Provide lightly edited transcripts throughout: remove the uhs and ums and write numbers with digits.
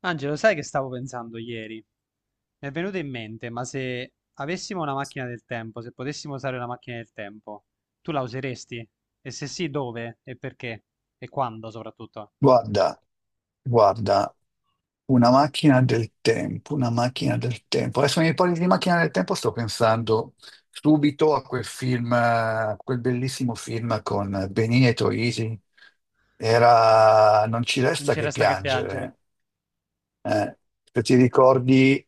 Angelo, sai che stavo pensando ieri? Mi è venuto in mente, ma se avessimo una macchina del tempo, se potessimo usare una macchina del tempo, tu la useresti? E se sì, dove? E perché? E quando soprattutto? Guarda, guarda, una macchina del tempo, una macchina del tempo. Adesso mi parli di macchina del tempo, sto pensando subito a quel film, a quel bellissimo film con Benini e Troisi. Era Non ci Non resta ci che resta che piangere. piangere. Eh, Se ti ricordi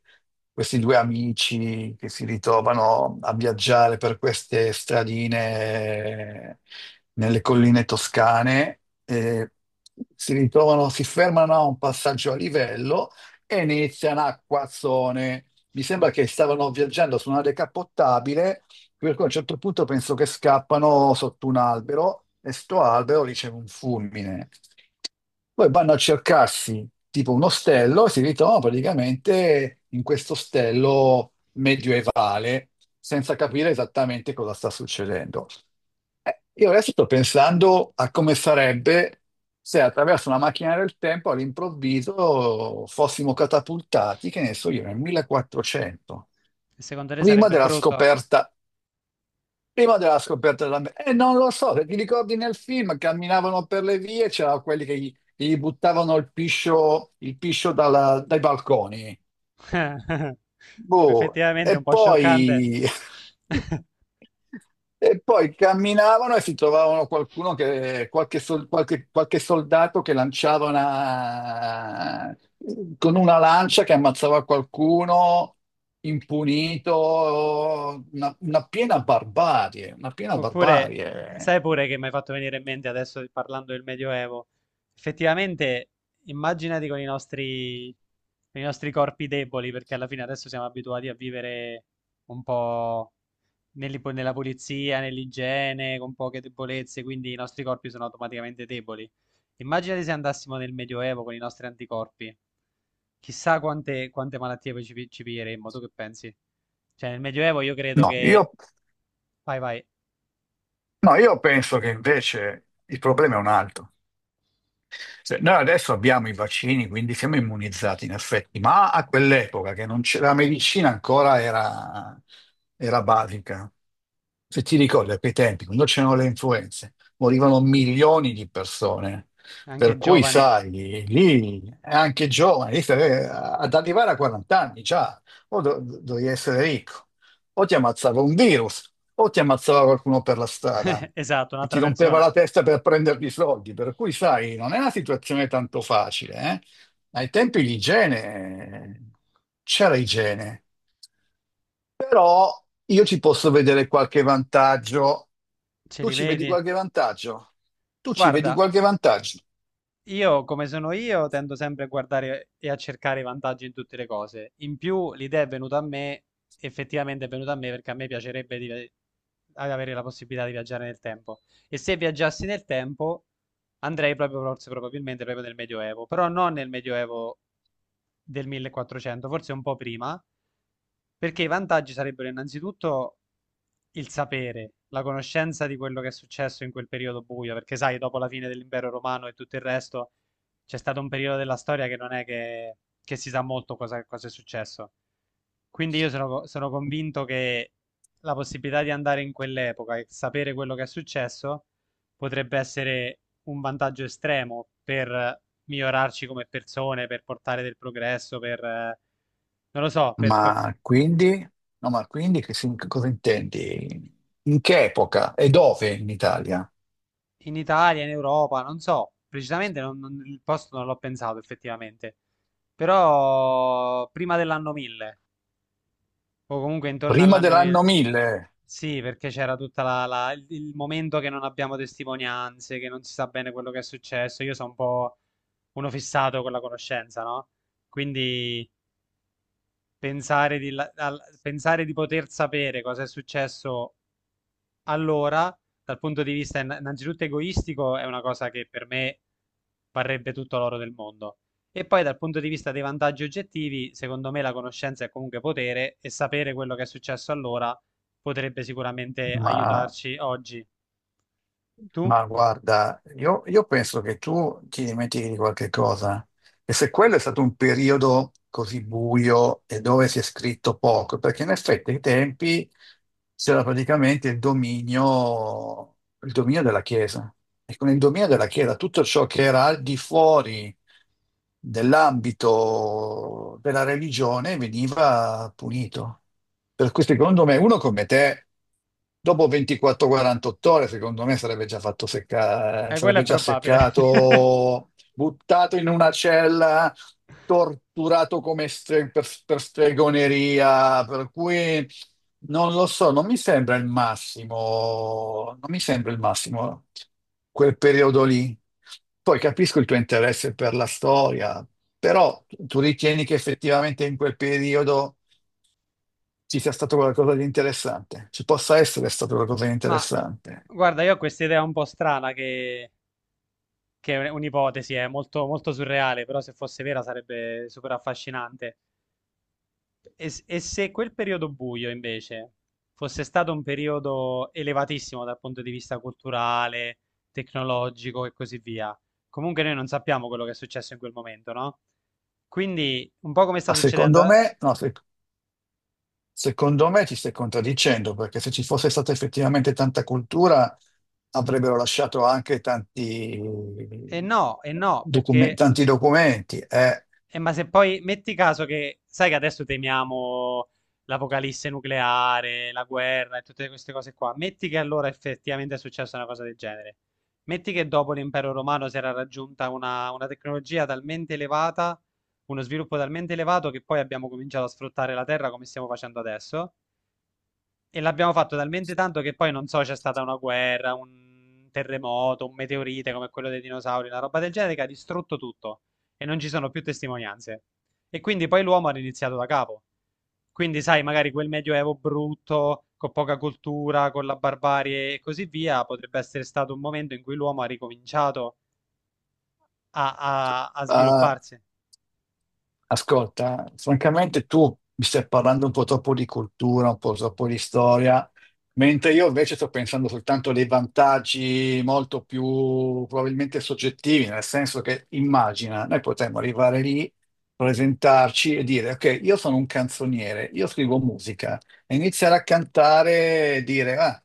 questi due amici che si ritrovano a viaggiare per queste stradine nelle colline toscane, si ritrovano, si fermano a un passaggio a livello e iniziano a quazzone. Mi sembra che stavano viaggiando su una decappottabile, per cui a un certo punto penso che scappano sotto un albero e sto albero riceve un fulmine. Poi vanno a cercarsi tipo un ostello e si ritrovano praticamente in questo ostello medioevale, senza capire esattamente cosa sta succedendo. Io adesso sto pensando a come sarebbe se attraverso una macchina del tempo all'improvviso fossimo catapultati, che ne so io, nel 1400, E secondo te prima sarebbe della brutto? scoperta prima della scoperta dell'America, non lo so, se ti ricordi nel film, camminavano per le vie, c'erano quelli che gli buttavano il piscio dai balconi. Boh, Effettivamente è un po' scioccante. E poi camminavano e si trovavano qualcuno che, qualche, sol- qualche- qualche soldato che lanciava con una lancia che ammazzava qualcuno impunito, una piena barbarie, una piena Oppure, barbarie. sai pure che mi hai fatto venire in mente adesso parlando del Medioevo. Effettivamente, immaginati con i nostri corpi deboli, perché alla fine adesso siamo abituati a vivere un po' nella pulizia, nell'igiene, con poche debolezze, quindi i nostri corpi sono automaticamente deboli. Immaginati se andassimo nel Medioevo con i nostri anticorpi. Chissà quante, quante malattie poi ci piglieremmo, tu che pensi? Cioè, nel Medioevo io credo No, che... io, Vai, vai, no, io penso che invece il problema è un altro. Noi adesso abbiamo i vaccini, quindi siamo immunizzati in effetti, ma a quell'epoca che non c'era la medicina ancora era basica. Se ti ricordi, a quei tempi, quando c'erano le influenze, morivano milioni di persone. anche Per cui, giovane. sai, lì è anche giovane, ad arrivare a 40 anni già, dovevi essere ricco, o ti ammazzava un virus, o ti ammazzava qualcuno per la strada Esatto, che ti un'altra rompeva persona. la testa per prenderti i soldi. Per cui, sai, non è una situazione tanto facile, eh? Ai tempi l'igiene, c'era igiene, però io ci posso vedere qualche vantaggio. Ce Tu li ci vedi vedi? qualche vantaggio? Tu ci vedi Guarda, qualche vantaggio? io come sono io tendo sempre a guardare e a cercare i vantaggi in tutte le cose. In più, l'idea è venuta a me, effettivamente è venuta a me perché a me ad avere la possibilità di viaggiare nel tempo. E se viaggiassi nel tempo, andrei proprio, forse probabilmente proprio nel Medioevo, però non nel Medioevo del 1400, forse un po' prima, perché i vantaggi sarebbero innanzitutto il sapere, la conoscenza di quello che è successo in quel periodo buio, perché sai, dopo la fine dell'impero romano e tutto il resto, c'è stato un periodo della storia che non è che si sa molto cosa, cosa è successo. Quindi io sono convinto che la possibilità di andare in quell'epoca e sapere quello che è successo potrebbe essere un vantaggio estremo per migliorarci come persone, per portare del progresso, per, non lo so, per Ma quindi? No, ma quindi che cosa intendi? In che epoca e dove in Italia? in Italia, in Europa, non so, precisamente il posto non l'ho pensato effettivamente, però prima dell'anno 1000, o comunque intorno Prima all'anno dell'anno 1000, 1000? sì, perché c'era tutta il momento che non abbiamo testimonianze, che non si sa bene quello che è successo, io sono un po' uno fissato con la conoscenza, no? Quindi pensare di poter sapere cosa è successo. Allora, dal punto di vista innanzitutto egoistico, è una cosa che per me varrebbe tutto l'oro del mondo. E poi dal punto di vista dei vantaggi oggettivi, secondo me la conoscenza è comunque potere e sapere quello che è successo allora potrebbe sicuramente Ma aiutarci oggi. Tu? Ma guarda, io penso che tu ti dimentichi di qualche cosa. E se quello è stato un periodo così buio e dove si è scritto poco, perché in effetti ai tempi c'era praticamente il dominio della Chiesa. E con il dominio della Chiesa tutto ciò che era al di fuori nell'ambito della religione veniva punito. Per cui secondo me uno come te, dopo 24-48 ore, secondo me sarebbe già fatto seccare, Quello sarebbe è già probabile. seccato, buttato in una cella, torturato per stregoneria, per cui non lo so, non mi sembra il massimo, non mi sembra il massimo quel periodo lì. Poi capisco il tuo interesse per la storia, però tu ritieni che effettivamente in quel periodo ci sia stato qualcosa di interessante, ci possa essere stato qualcosa di Ma interessante. guarda, io ho questa idea un po' strana che è un'ipotesi, è molto, molto surreale, però se fosse vera sarebbe super affascinante. E se quel periodo buio invece fosse stato un periodo elevatissimo dal punto di vista culturale, tecnologico e così via, comunque noi non sappiamo quello che è successo in quel momento, no? Quindi un po' come sta Ma succedendo... secondo me, secondo me ti stai contraddicendo, perché se ci fosse stata effettivamente tanta cultura, avrebbero lasciato anche tanti, e no, docume- perché tanti documenti. eh. eh, ma se poi metti caso che, sai che adesso temiamo l'apocalisse nucleare, la guerra e tutte queste cose qua, metti che allora effettivamente è successa una cosa del genere. Metti che dopo l'impero romano si era raggiunta una tecnologia talmente elevata, uno sviluppo talmente elevato che poi abbiamo cominciato a sfruttare la terra come stiamo facendo adesso. E l'abbiamo fatto talmente tanto che poi non so, c'è stata una guerra, un terremoto, un meteorite come quello dei dinosauri, una roba del genere che ha distrutto tutto e non ci sono più testimonianze. E quindi poi l'uomo ha riniziato da capo. Quindi, sai, magari quel medioevo brutto, con poca cultura, con la barbarie e così via, potrebbe essere stato un momento in cui l'uomo ha ricominciato a Eh, svilupparsi. Ascolta, francamente tu mi stai parlando un po' troppo di cultura, un po' troppo di storia, mentre io invece sto pensando soltanto dei vantaggi molto più probabilmente soggettivi, nel senso che immagina, noi potremmo arrivare lì, presentarci e dire, ok, io sono un canzoniere, io scrivo musica, e iniziare a cantare e dire, ah,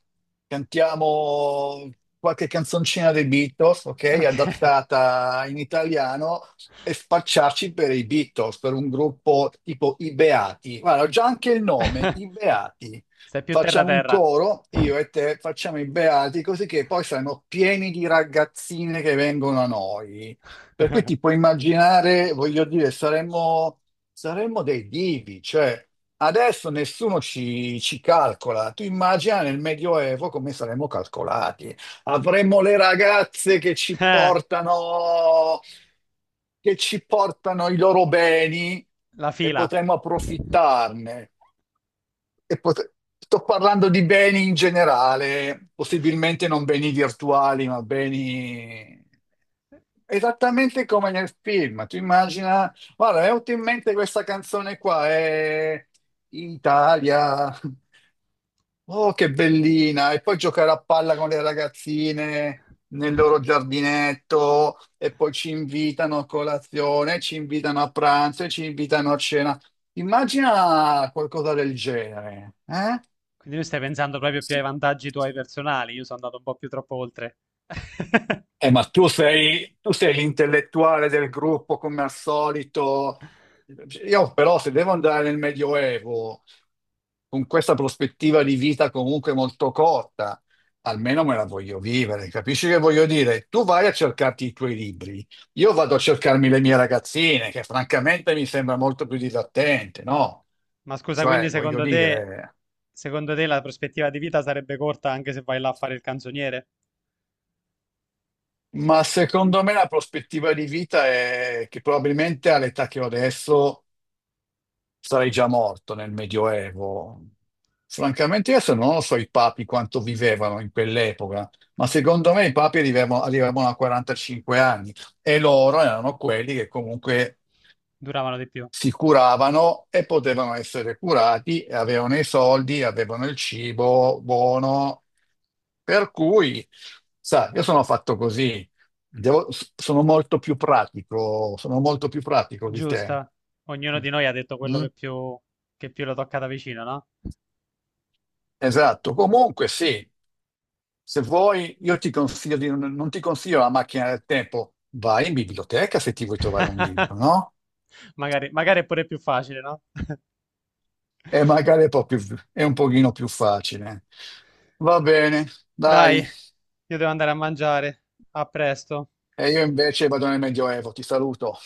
cantiamo qualche canzoncina dei Beatles, ok, Ok. adattata in italiano e spacciarci per i Beatles, per un gruppo tipo i Beati. Guarda, ho già anche il nome, i Beati. Sei più Facciamo un terra-terra. coro, io e te facciamo i Beati, così che poi saremo pieni di ragazzine che vengono a noi. Per cui ti puoi immaginare, voglio dire, saremmo dei divi, cioè adesso nessuno ci calcola. Tu immagina nel Medioevo come saremmo calcolati. Avremo le ragazze Eh, che ci portano i loro beni la e fila. potremo approfittarne. E pot- Sto parlando di beni in generale, possibilmente non beni virtuali, ma beni esattamente come nel film. Tu immagina, guarda, mi è venuta in mente questa canzone qua, è Italia. Oh, che bellina! E poi giocare a palla con le ragazzine nel loro giardinetto e poi ci invitano a colazione, ci invitano a pranzo e ci invitano a cena. Immagina qualcosa del genere, eh? Quindi tu stai pensando proprio più ai vantaggi tuoi personali, io sono andato un po' più troppo oltre. Ma tu sei l'intellettuale del gruppo come al solito. Io però se devo andare nel Medioevo con questa prospettiva di vita comunque molto corta, almeno me la voglio vivere, capisci che voglio dire? Tu vai a cercarti i tuoi libri, io vado a cercarmi le mie ragazzine, che francamente mi sembra molto più divertente, no? Ma scusa, quindi Cioè, voglio dire... secondo te la prospettiva di vita sarebbe corta anche se vai là a fare il canzoniere? Ma secondo me la prospettiva di vita è che probabilmente all'età che ho adesso sarei già morto nel Medioevo. Francamente, adesso non lo so i papi quanto vivevano in quell'epoca, ma secondo me i papi arrivavano, arrivavano a 45 anni e loro erano quelli che comunque Duravano di più. si curavano e potevano essere curati, e avevano i soldi, avevano il cibo buono. Per cui, sa, io sono fatto così, Devo- sono molto più pratico, sono molto più pratico di te. Giusta. Ognuno Mm? di noi ha detto quello Mm? Che più lo tocca da vicino, no? Esatto, comunque sì, se vuoi io ti consiglio di, non, non ti consiglio la macchina del tempo, vai in biblioteca se ti vuoi trovare un libro, no? Magari, magari è pure più facile, no? E magari è un pochino più facile. Va bene, Dai, dai, io devo andare a mangiare. A presto. e io invece vado nel Medioevo, ti saluto.